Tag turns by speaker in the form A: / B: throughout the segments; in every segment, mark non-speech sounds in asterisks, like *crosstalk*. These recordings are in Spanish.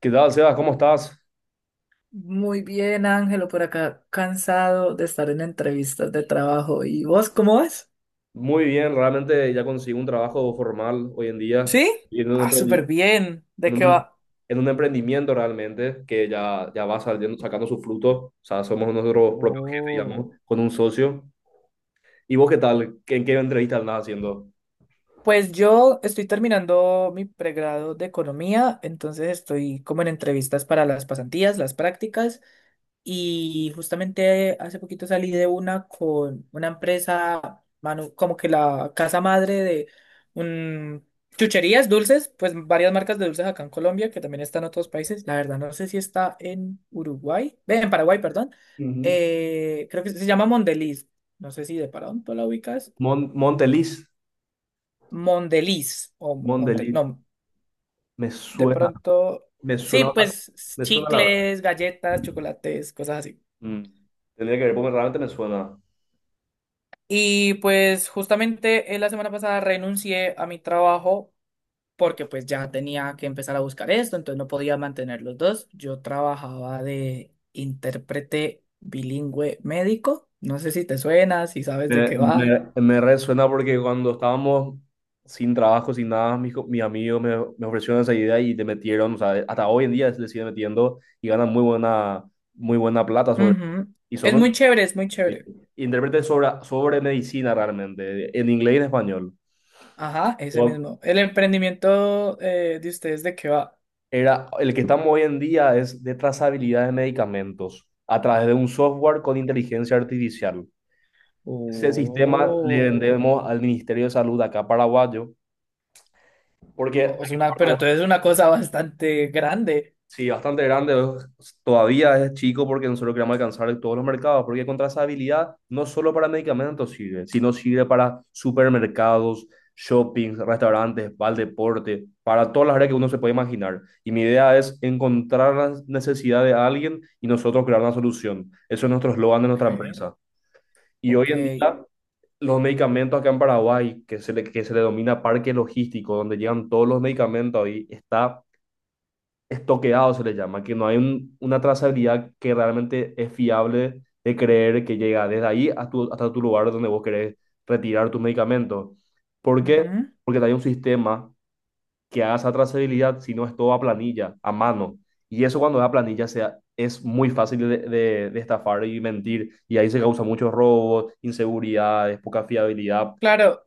A: ¿Qué tal, Sebas? ¿Cómo estás?
B: Muy bien, Ángelo, por acá cansado de estar en entrevistas de trabajo. ¿Y vos cómo vas?
A: Muy bien, realmente ya conseguí un trabajo formal hoy en día
B: ¿Sí?
A: y
B: Ah, súper bien. ¿De
A: en
B: qué
A: un em-
B: va?
A: en un emprendimiento realmente que ya va saliendo, sacando su fruto. O sea, somos nuestros propios jefes,
B: Oh.
A: digamos, con un socio. ¿Y vos qué tal? ¿En qué entrevista andás haciendo?
B: Pues yo estoy terminando mi pregrado de economía, entonces estoy como en entrevistas para las pasantías, las prácticas. Y justamente hace poquito salí de una con una empresa, como que la casa madre de un, chucherías, dulces, pues varias marcas de dulces acá en Colombia, que también están en otros países. La verdad, no sé si está en Uruguay, ve, en Paraguay, perdón.
A: Ujú.
B: Creo que se llama Mondeliz. No sé si de pronto la ubicas.
A: Mon- Monteliz,
B: Mondeliz o Montel,
A: Monteliz,
B: no,
A: me
B: de
A: suena,
B: pronto.
A: me
B: Sí,
A: suena,
B: pues
A: me suena la verdad.
B: chicles, galletas, chocolates, cosas así.
A: Mm. Tendría que ver, porque realmente me suena.
B: Y pues justamente la semana pasada renuncié a mi trabajo porque pues ya tenía que empezar a buscar esto, entonces no podía mantener los dos. Yo trabajaba de intérprete bilingüe médico. No sé si te suena, si sabes de
A: Me,
B: qué va.
A: me- me resuena porque cuando estábamos sin trabajo, sin nada, mis amigos me ofrecieron esa idea y te metieron, o sea, hasta hoy en día le siguen metiendo y ganan muy buena plata sobre,
B: Ujú.
A: y
B: Es
A: son
B: muy chévere, es muy
A: sí,
B: chévere.
A: intérpretes sobre medicina realmente, en inglés y en español.
B: Ajá, ese
A: Yo-
B: mismo. El emprendimiento de ustedes, ¿de qué va?
A: Era, el que estamos hoy en día es de trazabilidad de medicamentos a través de un software con inteligencia artificial. Ese sistema le
B: Oh.
A: vendemos al Ministerio de Salud acá paraguayo, porque...
B: Es una, pero entonces es una cosa bastante grande.
A: Sí, bastante grande, todavía es chico porque nosotros queremos alcanzar todos los mercados, porque contra esa habilidad no solo para medicamentos sirve, sino sirve para supermercados, shoppings, restaurantes, para el deporte, para todas las áreas que uno se puede imaginar. Y mi idea es encontrar la necesidad de alguien y nosotros crear una solución. Eso es nuestro eslogan de
B: Ok,
A: nuestra empresa. Y hoy
B: ok.
A: en día, los medicamentos acá en Paraguay, que se le denomina parque logístico, donde llegan todos los medicamentos ahí, está estoqueado se le llama, que no hay un- una trazabilidad que realmente es fiable de creer que llega desde ahí a hasta tu lugar donde vos querés retirar tus medicamentos. ¿Por qué?
B: Ujú.
A: Porque no hay un sistema que haga esa trazabilidad si no es todo a planilla, a mano. Y eso cuando es a planilla es muy fácil de estafar y mentir. Y ahí se causan muchos robos, inseguridades, poca fiabilidad.
B: Claro,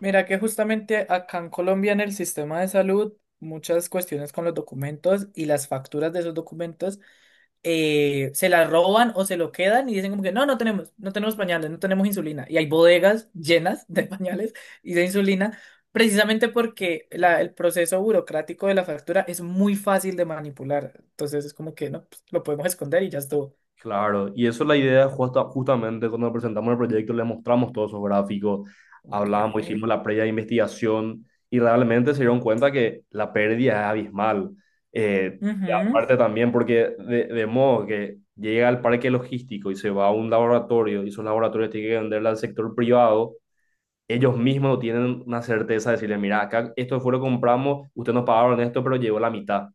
B: mira que justamente acá en Colombia en el sistema de salud, muchas cuestiones con los documentos y las facturas de esos documentos se las roban o se lo quedan y dicen como que no, no tenemos, no tenemos pañales, no tenemos insulina. Y hay bodegas llenas de pañales y de insulina, precisamente porque el proceso burocrático de la factura es muy fácil de manipular. Entonces es como que no, pues, lo podemos esconder y ya estuvo.
A: Claro, y eso es la idea justamente cuando presentamos el proyecto, les mostramos todos esos gráficos,
B: Ok.
A: hablamos, hicimos la previa investigación y realmente se dieron cuenta que la pérdida es abismal. Eh, y
B: Ujú.
A: aparte también porque de modo que llega al parque logístico y se va a un laboratorio y esos laboratorios tienen que venderle al sector privado, ellos mismos no tienen una certeza de decirle, mira, acá esto fue lo que compramos, ustedes nos pagaron esto, pero llegó la mitad.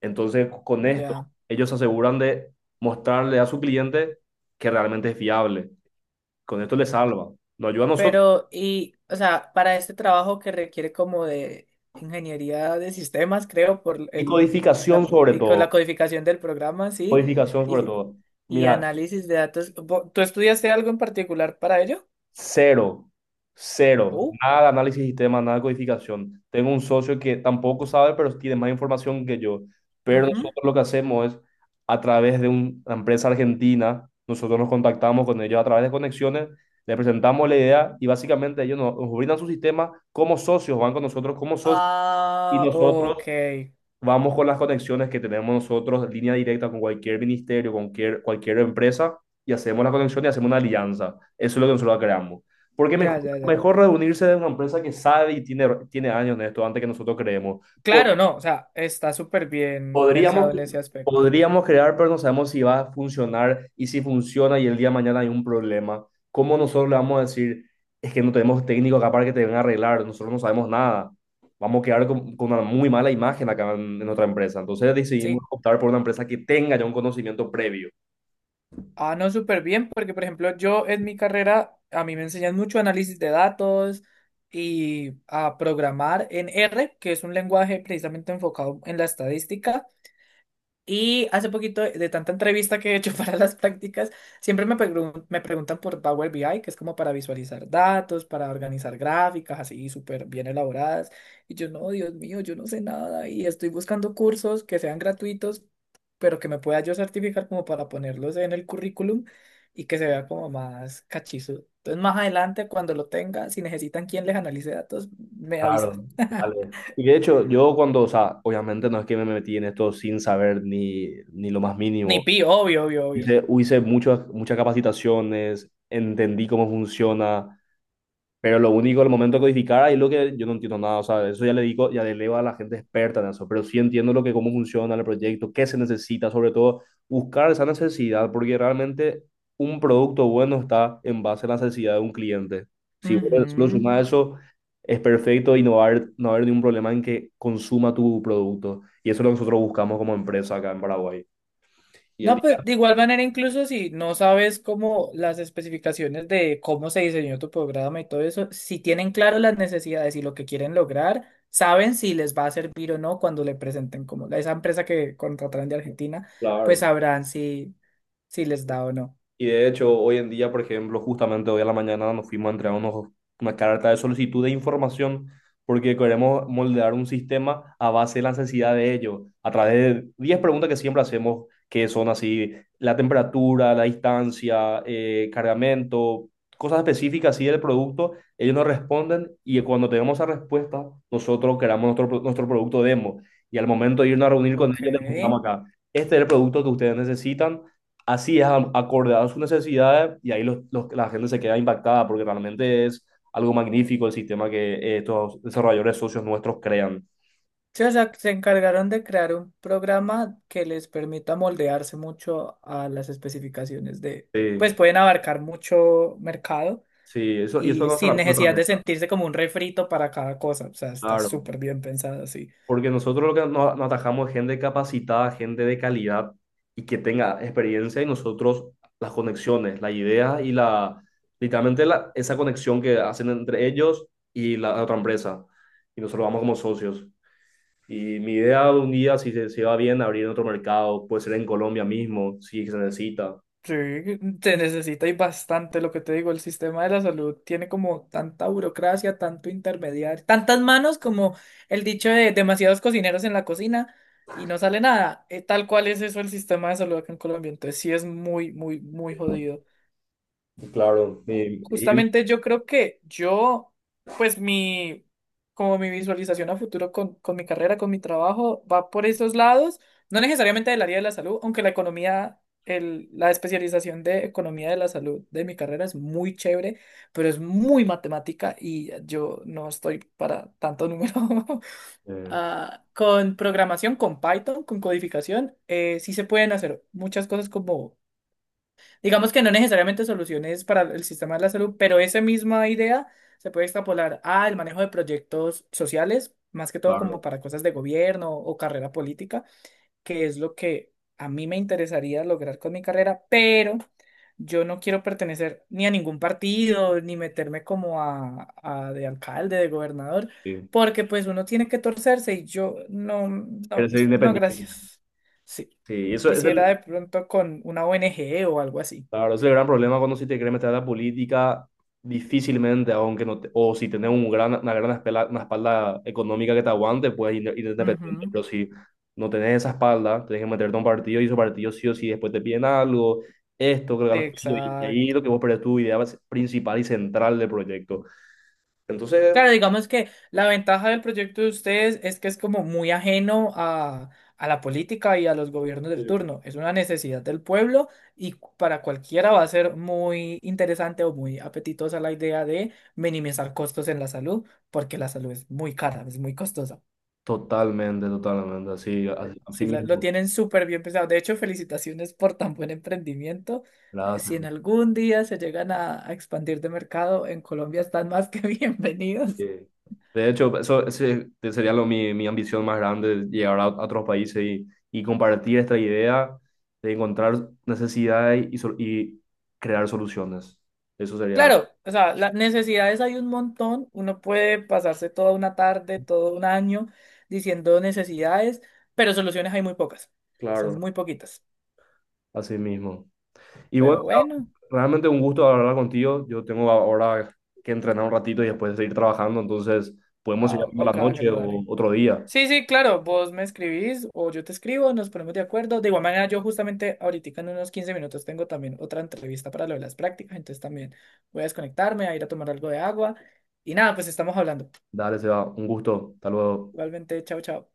A: Entonces, con esto,
B: Ya.
A: ellos se aseguran de mostrarle a su cliente que realmente es fiable. Con esto le salva. Nos ayuda a nosotros.
B: Pero, y, o sea, para este trabajo que requiere como de ingeniería de sistemas, creo, por
A: Y
B: el,
A: codificación sobre
B: y con la
A: todo.
B: codificación del programa, sí,
A: Codificación sobre
B: y,
A: todo.
B: y
A: Mira,
B: análisis de datos. ¿Tú estudiaste algo en particular para ello?
A: cero, cero,
B: Oh,
A: nada de análisis de sistema, nada de codificación. Tengo un socio que tampoco sabe, pero tiene más información que yo. Pero
B: ujú.
A: nosotros lo que hacemos es, a través de una empresa argentina, nosotros nos contactamos con ellos a través de conexiones, les presentamos la idea y básicamente ellos nos brindan su sistema como socios, van con nosotros como socios y
B: Ah,
A: nosotros
B: ok.
A: vamos con las conexiones que tenemos nosotros, línea directa con cualquier ministerio, con cualquier empresa, y hacemos la conexión y hacemos una alianza. Eso es lo que nosotros creamos. Porque mejor,
B: Ya, ya, ya.
A: mejor reunirse de una empresa que sabe y tiene años en esto antes que nosotros creemos.
B: Claro, no, o sea, está súper bien
A: Podríamos,
B: pensado en ese aspecto.
A: podríamos crear, pero no sabemos si va a funcionar y si funciona y el día de mañana hay un problema. ¿Cómo nosotros le vamos a decir, es que no tenemos técnico acá para que te vengan a arreglar? Nosotros no sabemos nada. Vamos a quedar con una muy mala imagen acá en otra empresa. Entonces decidimos
B: Sí,
A: optar por una empresa que tenga ya un conocimiento previo.
B: ah, no, súper bien, porque por ejemplo yo en mi carrera a mí me enseñan mucho análisis de datos y a programar en R, que es un lenguaje precisamente enfocado en la estadística. Y hace poquito, de tanta entrevista que he hecho *laughs* para las prácticas, siempre me preguntan por Power BI, que es como para visualizar datos, para organizar gráficas así súper bien elaboradas. Y yo, no, Dios mío, yo no sé nada y estoy buscando cursos que sean gratuitos, pero que me pueda yo certificar como para ponerlos en el currículum y que se vea como más cachizo. Entonces, más adelante, cuando lo tenga, si necesitan quien les analice datos, me avisa.
A: Claro, vale. Y de hecho, yo cuando, o sea, obviamente no es que me metí en esto sin saber ni lo más
B: Ni
A: mínimo.
B: pi, obvio, obvio, obvio.
A: Hice muchas, muchas capacitaciones, entendí cómo funciona. Pero lo único, el momento de codificar, ahí lo que yo no entiendo nada, o sea, eso ya le digo, ya le leo a la gente experta en eso, pero sí entiendo lo que, cómo funciona el proyecto, qué se necesita, sobre todo buscar esa necesidad, porque realmente un producto bueno está en base a la necesidad de un cliente. Si solo
B: Ujú.
A: sumás eso, es perfecto y no va a haber ningún problema en que consuma tu producto. Y eso es lo que nosotros buscamos como empresa acá en Paraguay. Y el
B: No, pues
A: día,
B: de igual manera, incluso si no sabes cómo las especificaciones de cómo se diseñó tu programa y todo eso, si tienen claro las necesidades y lo que quieren lograr, saben si les va a servir o no cuando le presenten como esa empresa que contrataron de Argentina, pues
A: claro.
B: sabrán si, si les da o no.
A: Y de hecho, hoy en día, por ejemplo, justamente hoy a la mañana nos fuimos a entregar una carta de solicitud de información porque queremos moldear un sistema a base de la necesidad de ello, a través de 10 preguntas que siempre hacemos, que son así, la temperatura, la distancia, cargamento, cosas específicas así del producto, ellos nos responden y cuando tenemos esa respuesta, nosotros creamos nuestro producto demo. Y al momento de irnos a reunir con
B: Ok.
A: ellos, les mostramos acá, este es el producto que ustedes necesitan. Así es, acorde a sus necesidades y ahí la gente se queda impactada porque realmente es algo magnífico el sistema que estos desarrolladores socios nuestros crean.
B: Sí, o sea, se encargaron de crear un programa que les permita moldearse mucho a las especificaciones de,
A: Sí,
B: pues pueden abarcar mucho mercado
A: sí, eso, y eso es
B: y
A: nuestra,
B: sin
A: nuestra
B: necesidad de
A: meta,
B: sentirse como un refrito para cada cosa. O sea, está
A: claro.
B: súper bien pensado, sí.
A: Porque nosotros lo que nos atajamos es gente capacitada, gente de calidad y que tenga experiencia y nosotros las conexiones, las ideas y la, literalmente la, esa conexión que hacen entre ellos y la otra empresa. Y nosotros vamos como socios. Y mi idea de un día, si se va bien, abrir en otro mercado, puede ser en Colombia mismo, si se necesita.
B: Sí, se necesita y bastante lo que te digo, el sistema de la salud tiene como tanta burocracia, tanto intermediario, tantas manos como el dicho de demasiados cocineros en la cocina y no sale nada. Tal cual es eso el sistema de salud acá en Colombia, entonces sí es muy, muy, muy jodido.
A: Claro. Y-
B: Justamente yo creo que yo, pues mi, como mi visualización a futuro con mi carrera, con mi trabajo, va por esos lados, no necesariamente del área de la salud, aunque la economía, el, la especialización de economía de la salud de mi carrera es muy chévere, pero es muy matemática y yo no estoy para tanto número. *laughs*
A: eh,
B: Ah, con programación, con Python, con codificación, sí se pueden hacer muchas cosas como. Digamos que no necesariamente soluciones para el sistema de la salud, pero esa misma idea se puede extrapolar al manejo de proyectos sociales, más que todo
A: claro,
B: como para cosas de gobierno o carrera política, que es lo que a mí me interesaría lograr con mi carrera, pero yo no quiero pertenecer ni a ningún partido, ni meterme como a de alcalde, de gobernador,
A: sí.
B: porque pues uno tiene que torcerse y yo no,
A: Quiere
B: no,
A: ser
B: pues, no,
A: independiente.
B: gracias. Sí.
A: Sí, eso es.
B: Quisiera de pronto con una ONG o algo así.
A: Claro, ese es el gran problema cuando si te quieres meter a la política, difícilmente, aunque o si tenés un gran, una gran espela- una espalda económica que te aguante, puedes ir independiente.
B: Ujú,
A: Pero si no tenés esa espalda, tenés que meterte a un partido y esos partidos sí o sí después te piden algo, esto, creo que los pillos, y ahí
B: exacto.
A: lo que vos perdés tu idea principal y central del proyecto. Entonces,
B: Claro, digamos que la ventaja del proyecto de ustedes es que es como muy ajeno a la política y a los gobiernos del turno. Es una necesidad del pueblo y para cualquiera va a ser muy interesante o muy apetitosa la idea de minimizar costos en la salud, porque la salud es muy cara, es muy costosa.
A: totalmente, totalmente, así, así, así
B: Sí, lo
A: mismo.
B: tienen súper bien pensado. De hecho, felicitaciones por tan buen emprendimiento. Si
A: Gracias.
B: en algún día se llegan a expandir de mercado, en Colombia están más que *laughs* bienvenidos.
A: Eh, De hecho, eso ese sería mi ambición más grande, llegar a otros países y, compartir esta idea de encontrar necesidades y crear soluciones. Eso sería,
B: Claro, o sea, las necesidades hay un montón. Uno puede pasarse toda una tarde, todo un año diciendo necesidades, pero soluciones hay muy pocas. Son
A: claro,
B: muy poquitas.
A: así mismo. Y bueno,
B: Pero bueno,
A: realmente un gusto hablar contigo. Yo tengo ahora que entrenar un ratito y después seguir trabajando, entonces podemos
B: ah,
A: seguir hablando a
B: ok,
A: la noche
B: Ángela,
A: o
B: dale.
A: otro día.
B: Sí, sí, claro, vos me escribís o yo te escribo, nos ponemos de acuerdo. De igual manera, yo justamente ahorita en unos 15 minutos tengo también otra entrevista para lo de las prácticas, entonces también voy a desconectarme, a ir a tomar algo de agua. Y nada, pues estamos hablando.
A: Dale, Seba, un gusto. Hasta luego.
B: Igualmente, chao, chao.